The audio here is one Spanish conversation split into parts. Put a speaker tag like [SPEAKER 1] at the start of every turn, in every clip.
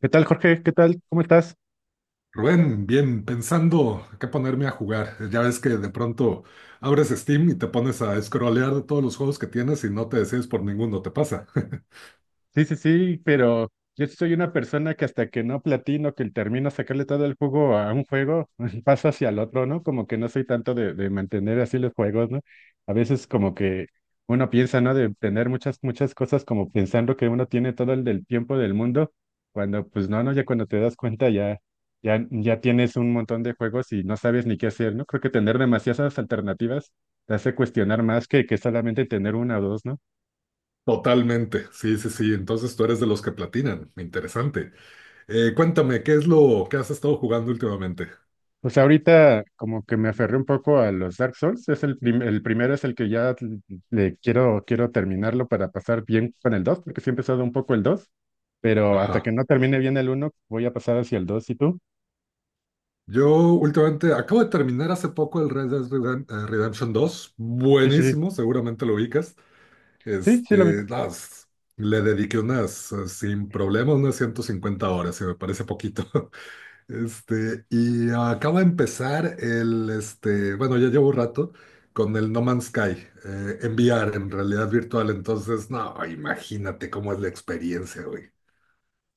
[SPEAKER 1] ¿Qué tal, Jorge? ¿Qué tal? ¿Cómo estás?
[SPEAKER 2] Rubén, bien, pensando qué ponerme a jugar. Ya ves que de pronto abres Steam y te pones a scrollear de todos los juegos que tienes y no te decides por ninguno, ¿te pasa?
[SPEAKER 1] Sí, sí, sí, pero yo soy una persona que hasta que no platino, que termino sacarle todo el jugo a un juego, paso hacia el otro, ¿no? Como que no soy tanto de mantener así los juegos, ¿no? A veces como que uno piensa, ¿no? De tener muchas, muchas cosas como pensando que uno tiene todo el del tiempo del mundo, cuando pues no, no, ya cuando te das cuenta ya, ya, ya tienes un montón de juegos y no sabes ni qué hacer, ¿no? Creo que tener demasiadas alternativas te hace cuestionar más que solamente tener una o dos, ¿no?
[SPEAKER 2] Totalmente, sí, sí, sí. Entonces tú eres de los que platinan. Interesante. Cuéntame, ¿qué es lo que has estado jugando últimamente?
[SPEAKER 1] Pues ahorita como que me aferré un poco a los Dark Souls. Es el primero es el que ya le quiero terminarlo para pasar bien con el 2, porque sí he empezado un poco el 2, pero hasta que
[SPEAKER 2] Ajá.
[SPEAKER 1] no termine bien el uno voy a pasar hacia el 2. ¿Y tú?
[SPEAKER 2] Yo últimamente acabo de terminar hace poco el Redemption 2.
[SPEAKER 1] Sí, sí, sí.
[SPEAKER 2] Buenísimo, seguramente lo ubicas.
[SPEAKER 1] Sí, sí lo vi.
[SPEAKER 2] Este, las, Le dediqué unas sin problema, unas 150 horas, si me parece poquito. Y acabo de empezar el, bueno, ya llevo un rato con el No Man's Sky, en VR, en realidad virtual. Entonces, no, imagínate cómo es la experiencia, güey.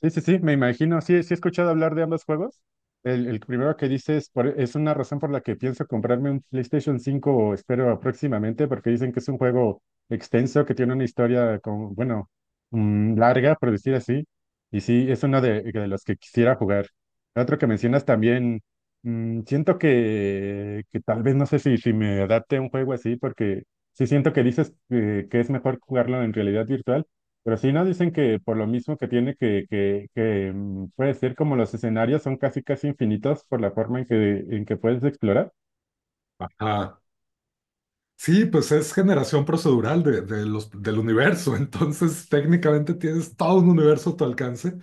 [SPEAKER 1] Sí, sí, sí, me imagino. Sí, sí he escuchado hablar de ambos juegos. El primero que dices es una razón por la que pienso comprarme un PlayStation 5 o espero próximamente, porque dicen que es un juego extenso, que tiene una historia con, bueno, larga, por decir así. Y sí, es uno de los que quisiera jugar. El otro que mencionas también, siento que tal vez no sé si me adapte a un juego así, porque sí siento que dices que es mejor jugarlo en realidad virtual. Pero sí nos dicen que por lo mismo que tiene que puede ser como los escenarios son casi casi infinitos por la forma en que puedes explorar.
[SPEAKER 2] Ajá. Sí, pues es generación procedural del universo, entonces técnicamente tienes todo un universo a tu alcance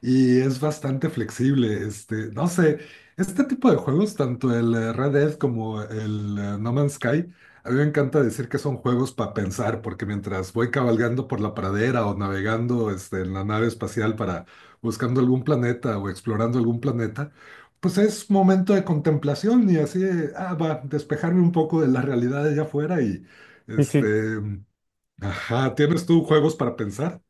[SPEAKER 2] y es bastante flexible. No sé, este tipo de juegos, tanto el Red Dead como el No Man's Sky, a mí me encanta decir que son juegos para pensar, porque mientras voy cabalgando por la pradera o navegando en la nave espacial para buscando algún planeta o explorando algún planeta, pues es momento de contemplación y así, ah, va, despejarme un poco de la realidad de allá afuera y,
[SPEAKER 1] Sí,
[SPEAKER 2] este,
[SPEAKER 1] sí.
[SPEAKER 2] ajá, ¿tienes tú juegos para pensar?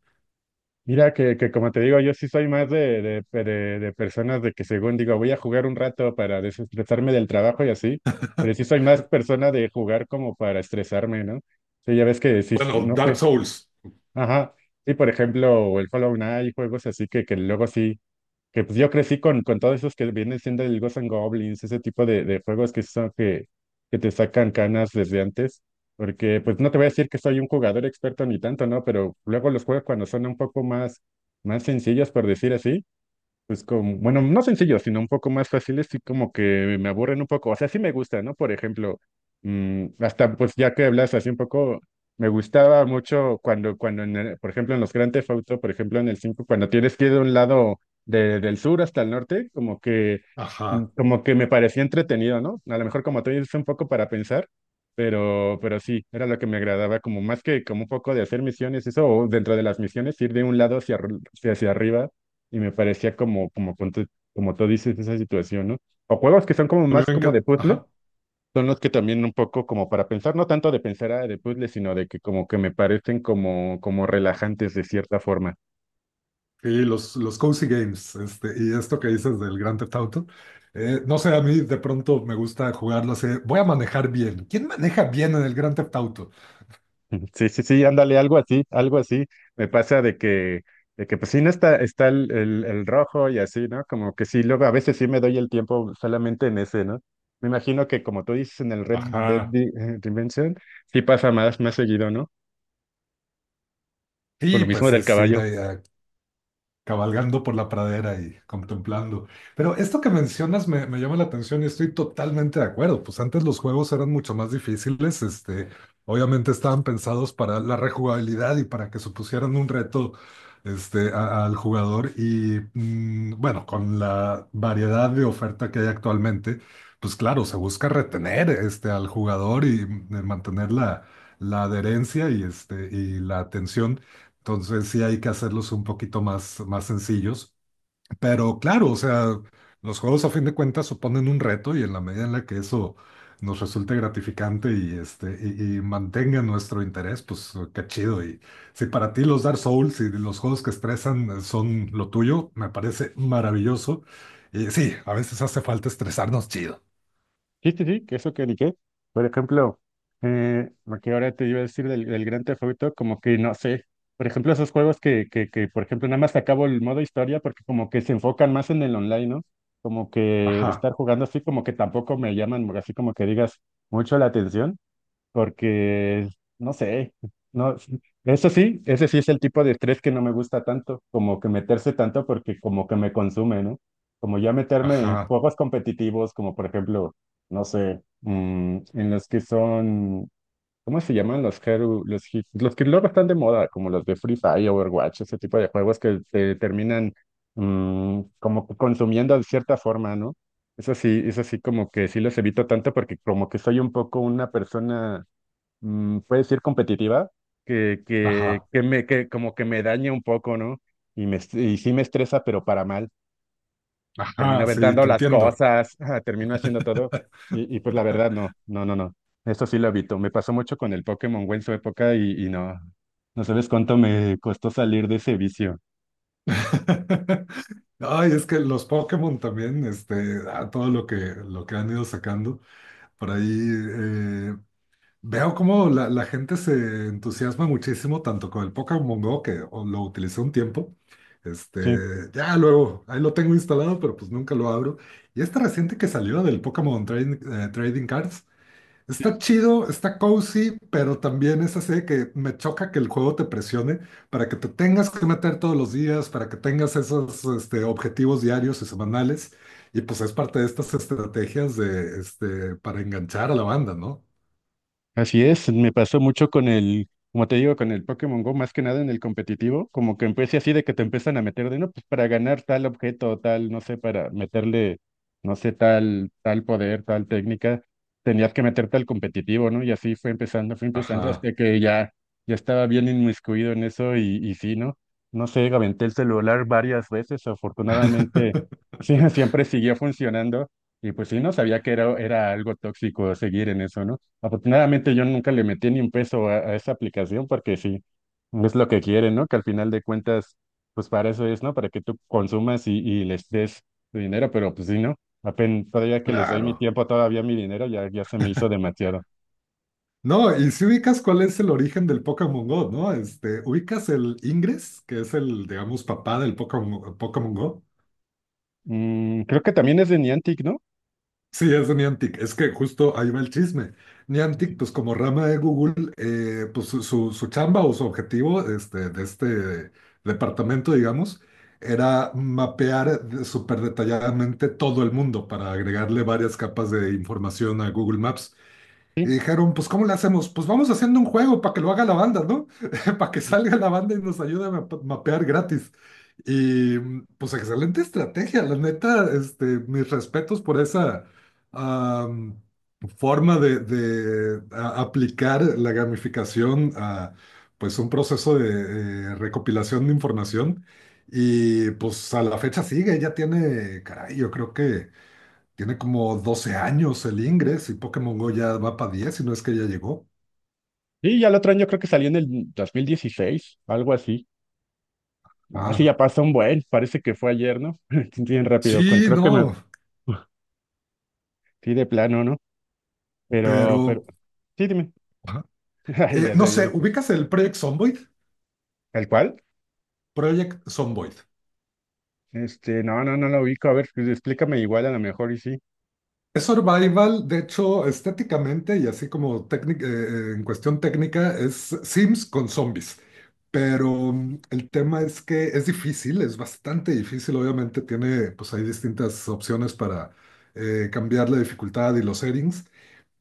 [SPEAKER 1] Mira que como te digo, yo sí soy más de personas de que según digo, voy a jugar un rato para desestresarme del trabajo y así, pero sí soy más persona de jugar como para estresarme, ¿no? Sí, ya ves que sí,
[SPEAKER 2] Bueno,
[SPEAKER 1] no
[SPEAKER 2] Dark
[SPEAKER 1] sé.
[SPEAKER 2] Souls,
[SPEAKER 1] Ajá. Sí, por ejemplo, el Hollow Knight, juegos así que luego sí. Que pues yo crecí con todos esos que vienen siendo el Ghosts and Goblins, ese tipo de juegos que son que te sacan canas desde antes, porque pues no te voy a decir que soy un jugador experto ni tanto, ¿no? Pero luego los juegos cuando son un poco más sencillos, por decir así, pues como, bueno, no sencillos, sino un poco más fáciles y como que me aburren un poco. O sea, sí me gusta, ¿no? Por ejemplo, hasta pues ya que hablas así un poco, me gustaba mucho cuando por ejemplo, en los Grand Theft Auto, por ejemplo, en el 5 cuando tienes que ir de un lado del sur hasta el norte, como que, mm,
[SPEAKER 2] ajá,
[SPEAKER 1] como que me parecía entretenido, ¿no? A lo mejor como tú dices, un poco para pensar, pero sí, era lo que me agradaba, como más que como un poco de hacer misiones, eso, o dentro de las misiones, ir de un lado hacia arriba y me parecía como, como, con como tú dices, esa situación, ¿no? O juegos que son como
[SPEAKER 2] a mí
[SPEAKER 1] más
[SPEAKER 2] me
[SPEAKER 1] como de
[SPEAKER 2] encanta,
[SPEAKER 1] puzzle,
[SPEAKER 2] ajá,
[SPEAKER 1] son los que también un poco como para pensar, no tanto de pensar de puzzle, sino de que como que me parecen como relajantes de cierta forma.
[SPEAKER 2] y los cozy games, y esto que dices del Grand Theft Auto, no sé, a mí de pronto me gusta jugarlo así, voy a manejar bien, ¿quién maneja bien en el Grand Theft Auto?
[SPEAKER 1] Sí, sí, sí, ándale, algo así, algo así. Me pasa de que pues sí, no está el, el rojo y así, ¿no? Como que sí, luego a veces sí me doy el tiempo solamente en ese, ¿no? Me imagino que como tú dices en el Red Dead
[SPEAKER 2] Ajá,
[SPEAKER 1] Redemption, sí pasa más seguido, ¿no? Por
[SPEAKER 2] y
[SPEAKER 1] lo mismo
[SPEAKER 2] pues
[SPEAKER 1] del
[SPEAKER 2] es ir
[SPEAKER 1] caballo.
[SPEAKER 2] a, cabalgando por la pradera y contemplando. Pero esto que mencionas me llama la atención y estoy totalmente de acuerdo. Pues antes los juegos eran mucho más difíciles, obviamente estaban pensados para la rejugabilidad y para que supusieran un reto, al jugador y bueno, con la variedad de oferta que hay actualmente, pues claro, se busca retener, al jugador y mantener la adherencia y, la atención entonces sí hay que hacerlos un poquito más, más sencillos. Pero claro, o sea, los juegos a fin de cuentas suponen un reto y en la medida en la que eso nos resulte gratificante y, este, y mantenga nuestro interés, pues qué chido. Y si para ti los Dark Souls y los juegos que estresan son lo tuyo, me parece maravilloso. Y sí, a veces hace falta estresarnos chido.
[SPEAKER 1] Sí, sí, sí, que eso que ni qué. Por ejemplo, lo que ahora te iba a decir del Gran Theft Auto, como que no sé. Por ejemplo, esos juegos que por ejemplo, nada más acabo el modo historia porque como que se enfocan más en el online, ¿no? Como que de
[SPEAKER 2] Ajá,
[SPEAKER 1] estar jugando así, como que tampoco me llaman, así como que digas mucho la atención porque, no sé, no, eso sí, ese sí es el tipo de estrés que no me gusta tanto, como que meterse tanto porque como que me consume, ¿no? Como ya meterme en
[SPEAKER 2] ajá,
[SPEAKER 1] juegos competitivos, como por ejemplo, no sé, en los que son, ¿cómo se llaman? Los, Hero- los, hi- los que luego están de moda, como los de Free Fire, Overwatch, ese tipo de juegos que te terminan como que consumiendo de cierta forma, ¿no? Eso sí, como que sí los evito tanto porque como que soy un poco una persona puede decir competitiva, que, que,
[SPEAKER 2] ajá,
[SPEAKER 1] que me, que como que me daña un poco, ¿no? Y sí me estresa, pero para mal. Termino
[SPEAKER 2] ajá, sí,
[SPEAKER 1] aventando
[SPEAKER 2] te
[SPEAKER 1] las
[SPEAKER 2] entiendo.
[SPEAKER 1] cosas, termino haciendo todo. Y pues la verdad, no, no, no, no. Eso sí lo evito. Me pasó mucho con el Pokémon Go en su época y no, no sabes cuánto me costó salir de ese vicio.
[SPEAKER 2] Ay, es que los Pokémon también, a todo lo que han ido sacando por ahí, veo cómo la gente se entusiasma muchísimo tanto con el Pokémon Go, que o- lo utilicé un tiempo, ya luego, ahí lo tengo instalado, pero pues nunca lo abro. Y este reciente que salió del Trading Cards, está chido, está cozy, pero también es así de que me choca que el juego te presione para que te tengas que meter todos los días, para que tengas esos objetivos diarios y semanales. Y pues es parte de estas estrategias para enganchar a la banda, ¿no?
[SPEAKER 1] Así es, me pasó mucho con el, como te digo, con el Pokémon Go, más que nada en el competitivo, como que empecé así de que te empiezan a meter de, no, pues para ganar tal objeto, tal, no sé, para meterle, no sé, tal poder, tal técnica, tenías que meterte al competitivo, ¿no? Y así fue empezando
[SPEAKER 2] Ajá.
[SPEAKER 1] hasta que ya, ya estaba bien inmiscuido en eso y sí, ¿no? No sé, aventé el celular varias veces, afortunadamente, sí, siempre siguió funcionando y pues sí, no sabía que era algo tóxico seguir en eso, ¿no? Afortunadamente yo nunca le metí ni un peso a esa aplicación porque sí, no es lo que quieren, ¿no? Que al final de cuentas, pues para eso es, ¿no? Para que tú consumas y les des tu dinero, pero pues sí, ¿no? Apenas todavía que les doy mi
[SPEAKER 2] Claro.
[SPEAKER 1] tiempo, todavía mi dinero, ya, ya se me hizo demasiado.
[SPEAKER 2] No, y si ubicas cuál es el origen del Pokémon Go, ¿no? Ubicas el Ingress, que es el, digamos, papá del Pokémon Go.
[SPEAKER 1] Creo que también es de Niantic, ¿no?
[SPEAKER 2] Sí, es de Niantic. Es que justo ahí va el chisme. Niantic,
[SPEAKER 1] Sí,
[SPEAKER 2] pues como rama de Google, pues su chamba o su objetivo este, de este departamento, digamos, era mapear de- súper detalladamente todo el mundo para agregarle varias capas de información a Google Maps. Y
[SPEAKER 1] sí.
[SPEAKER 2] dijeron, pues ¿cómo le hacemos? Pues vamos haciendo un juego para que lo haga la banda, ¿no? Para que salga la banda y nos ayude a map- mapear gratis. Pues excelente estrategia, la neta, mis respetos por esa am, forma de aplicar la gamificación a pues un proceso de recopilación de información. Y pues a la fecha sigue, ya tiene, caray, yo creo que... Tiene como 12 años el Ingress y Pokémon Go ya va para 10 si no es que ya llegó.
[SPEAKER 1] Sí, ya el otro año creo que salió en el 2016 algo así. Ah, sí,
[SPEAKER 2] Ah,
[SPEAKER 1] ya pasó un buen, parece que fue ayer, ¿no? Bien rápido,
[SPEAKER 2] sí,
[SPEAKER 1] creo que me...
[SPEAKER 2] no,
[SPEAKER 1] Sí, de plano, ¿no?
[SPEAKER 2] pero
[SPEAKER 1] Pero, sí, dime.
[SPEAKER 2] ajá.
[SPEAKER 1] Ay, ya
[SPEAKER 2] No
[SPEAKER 1] te
[SPEAKER 2] sé,
[SPEAKER 1] vieron.
[SPEAKER 2] ¿ubicas el Project Zomboid?
[SPEAKER 1] ¿El cual?
[SPEAKER 2] Project Zomboid.
[SPEAKER 1] Este, no, no, no lo ubico. A ver, pues, explícame igual a lo mejor y sí.
[SPEAKER 2] Es survival, de hecho, estéticamente y así como técnic- en cuestión técnica, es Sims con zombies. Pero el tema es que es difícil, es bastante difícil. Obviamente tiene, pues hay distintas opciones para cambiar la dificultad y los settings.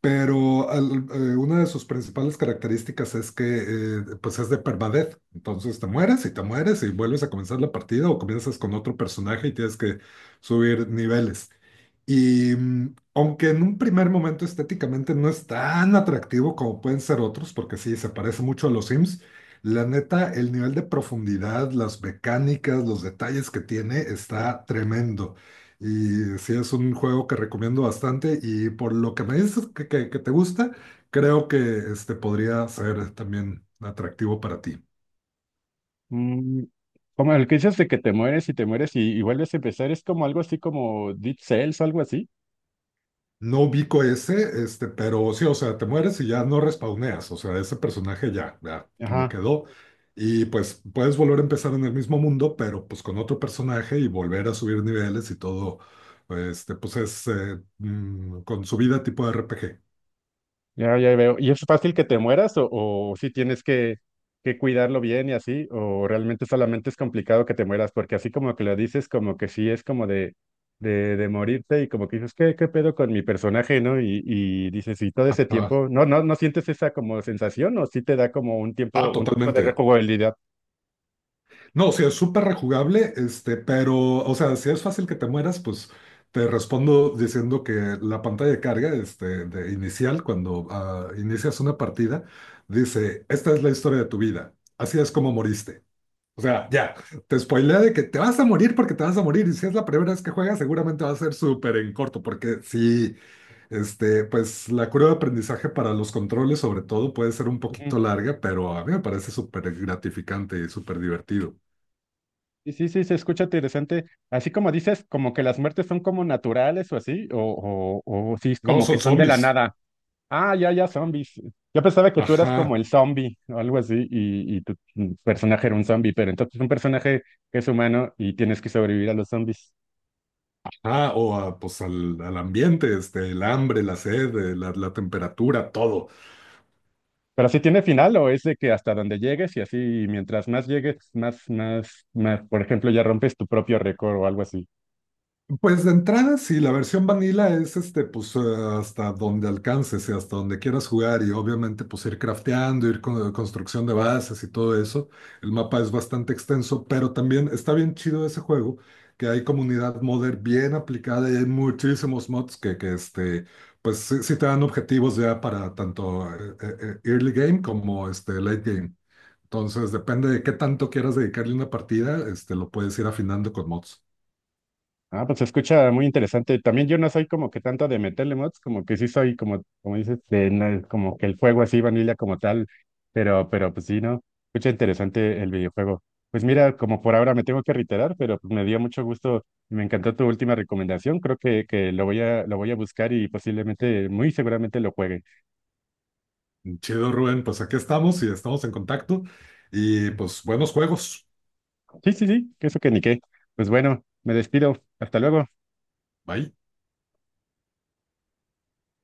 [SPEAKER 2] Pero una de sus principales características es que pues es de permadeath. Entonces te mueres y vuelves a comenzar la partida o comienzas con otro personaje y tienes que subir niveles. Y aunque en un primer momento estéticamente no es tan atractivo como pueden ser otros, porque sí, se parece mucho a los Sims, la neta, el nivel de profundidad, las mecánicas, los detalles que tiene está tremendo. Y sí, es un juego que recomiendo bastante y por lo que me dices que te gusta, creo que este podría ser también atractivo para ti.
[SPEAKER 1] Mm, Como el que dices de que te mueres y te mueres y vuelves a empezar, es como algo así como Deep Cells o algo así.
[SPEAKER 2] No ubico ese, pero sí, o sea, te mueres y ya no respawneas, o sea, ese personaje ya me
[SPEAKER 1] Ajá.
[SPEAKER 2] quedó. Y pues puedes volver a empezar en el mismo mundo, pero pues con otro personaje y volver a subir niveles y todo, pues es con su vida tipo RPG.
[SPEAKER 1] Ya, ya veo. ¿Y es fácil que te mueras o, si tienes que cuidarlo bien y así? ¿O realmente solamente es complicado que te mueras? Porque así como que lo dices, como que sí es como de morirte y como que dices, ¿qué pedo con mi personaje, ¿no? Y dices, y todo ese
[SPEAKER 2] Ajá.
[SPEAKER 1] tiempo, ¿no, no, no sientes esa como sensación o sí te da como un tiempo,
[SPEAKER 2] Ah,
[SPEAKER 1] un tiempo de
[SPEAKER 2] totalmente.
[SPEAKER 1] rejugabilidad?
[SPEAKER 2] No, o sea, es súper rejugable, pero, o sea, si es fácil que te mueras, pues te respondo diciendo que la pantalla de carga, de inicial, cuando ah, inicias una partida, dice, esta es la historia de tu vida, así es como moriste. O sea, ya, te spoilea de que te vas a morir porque te vas a morir, y si es la primera vez que juegas, seguramente va a ser súper en corto, porque sí, pues la curva de aprendizaje para los controles, sobre todo, puede ser un
[SPEAKER 1] Ujú.
[SPEAKER 2] poquito larga, pero a mí me parece súper gratificante y súper divertido.
[SPEAKER 1] Y sí, sí, se escucha interesante. Así como dices, como que las muertes son como naturales o así, o sí es
[SPEAKER 2] No,
[SPEAKER 1] como que
[SPEAKER 2] son
[SPEAKER 1] son de la
[SPEAKER 2] zombies.
[SPEAKER 1] nada. Ah, ya, ya, zombies. Yo pensaba que tú eras como
[SPEAKER 2] Ajá,
[SPEAKER 1] el zombie o algo así y tu personaje era un zombie, pero entonces es un personaje que es humano y tienes que sobrevivir a los zombies.
[SPEAKER 2] ajá, o a, pues al, al ambiente, el hambre, la sed, la, la temperatura, todo.
[SPEAKER 1] Pero si tiene final o es de que hasta donde llegues y así mientras más llegues, más, más, más, por ejemplo, ya rompes tu propio récord o algo así.
[SPEAKER 2] Pues de entrada, sí, la versión vanilla es hasta donde alcances y hasta donde quieras jugar y obviamente pues ir crafteando, ir con construcción de bases y todo eso. El mapa es bastante extenso, pero también está bien chido ese juego, que hay comunidad modder bien aplicada y hay muchísimos mods que pues sí, sí te dan objetivos ya para tanto early game como late game. Entonces, depende de qué tanto quieras dedicarle una partida, lo puedes ir afinando con mods.
[SPEAKER 1] Ah, pues se escucha muy interesante. También yo no soy como que tanto de meterle mods, como que sí soy como dices, como que el juego así, vanilla como tal, pero, pues sí, ¿no? Escucha interesante el videojuego. Pues mira, como por ahora me tengo que reiterar, pero pues me dio mucho gusto, me encantó tu última recomendación, creo que lo voy a buscar y posiblemente, muy seguramente lo juegue.
[SPEAKER 2] Chido, Rubén. Pues aquí estamos y estamos en contacto. Y pues buenos juegos.
[SPEAKER 1] Sí, sí, sí, que eso que ni qué. Pues bueno, me despido, hasta luego.
[SPEAKER 2] Bye.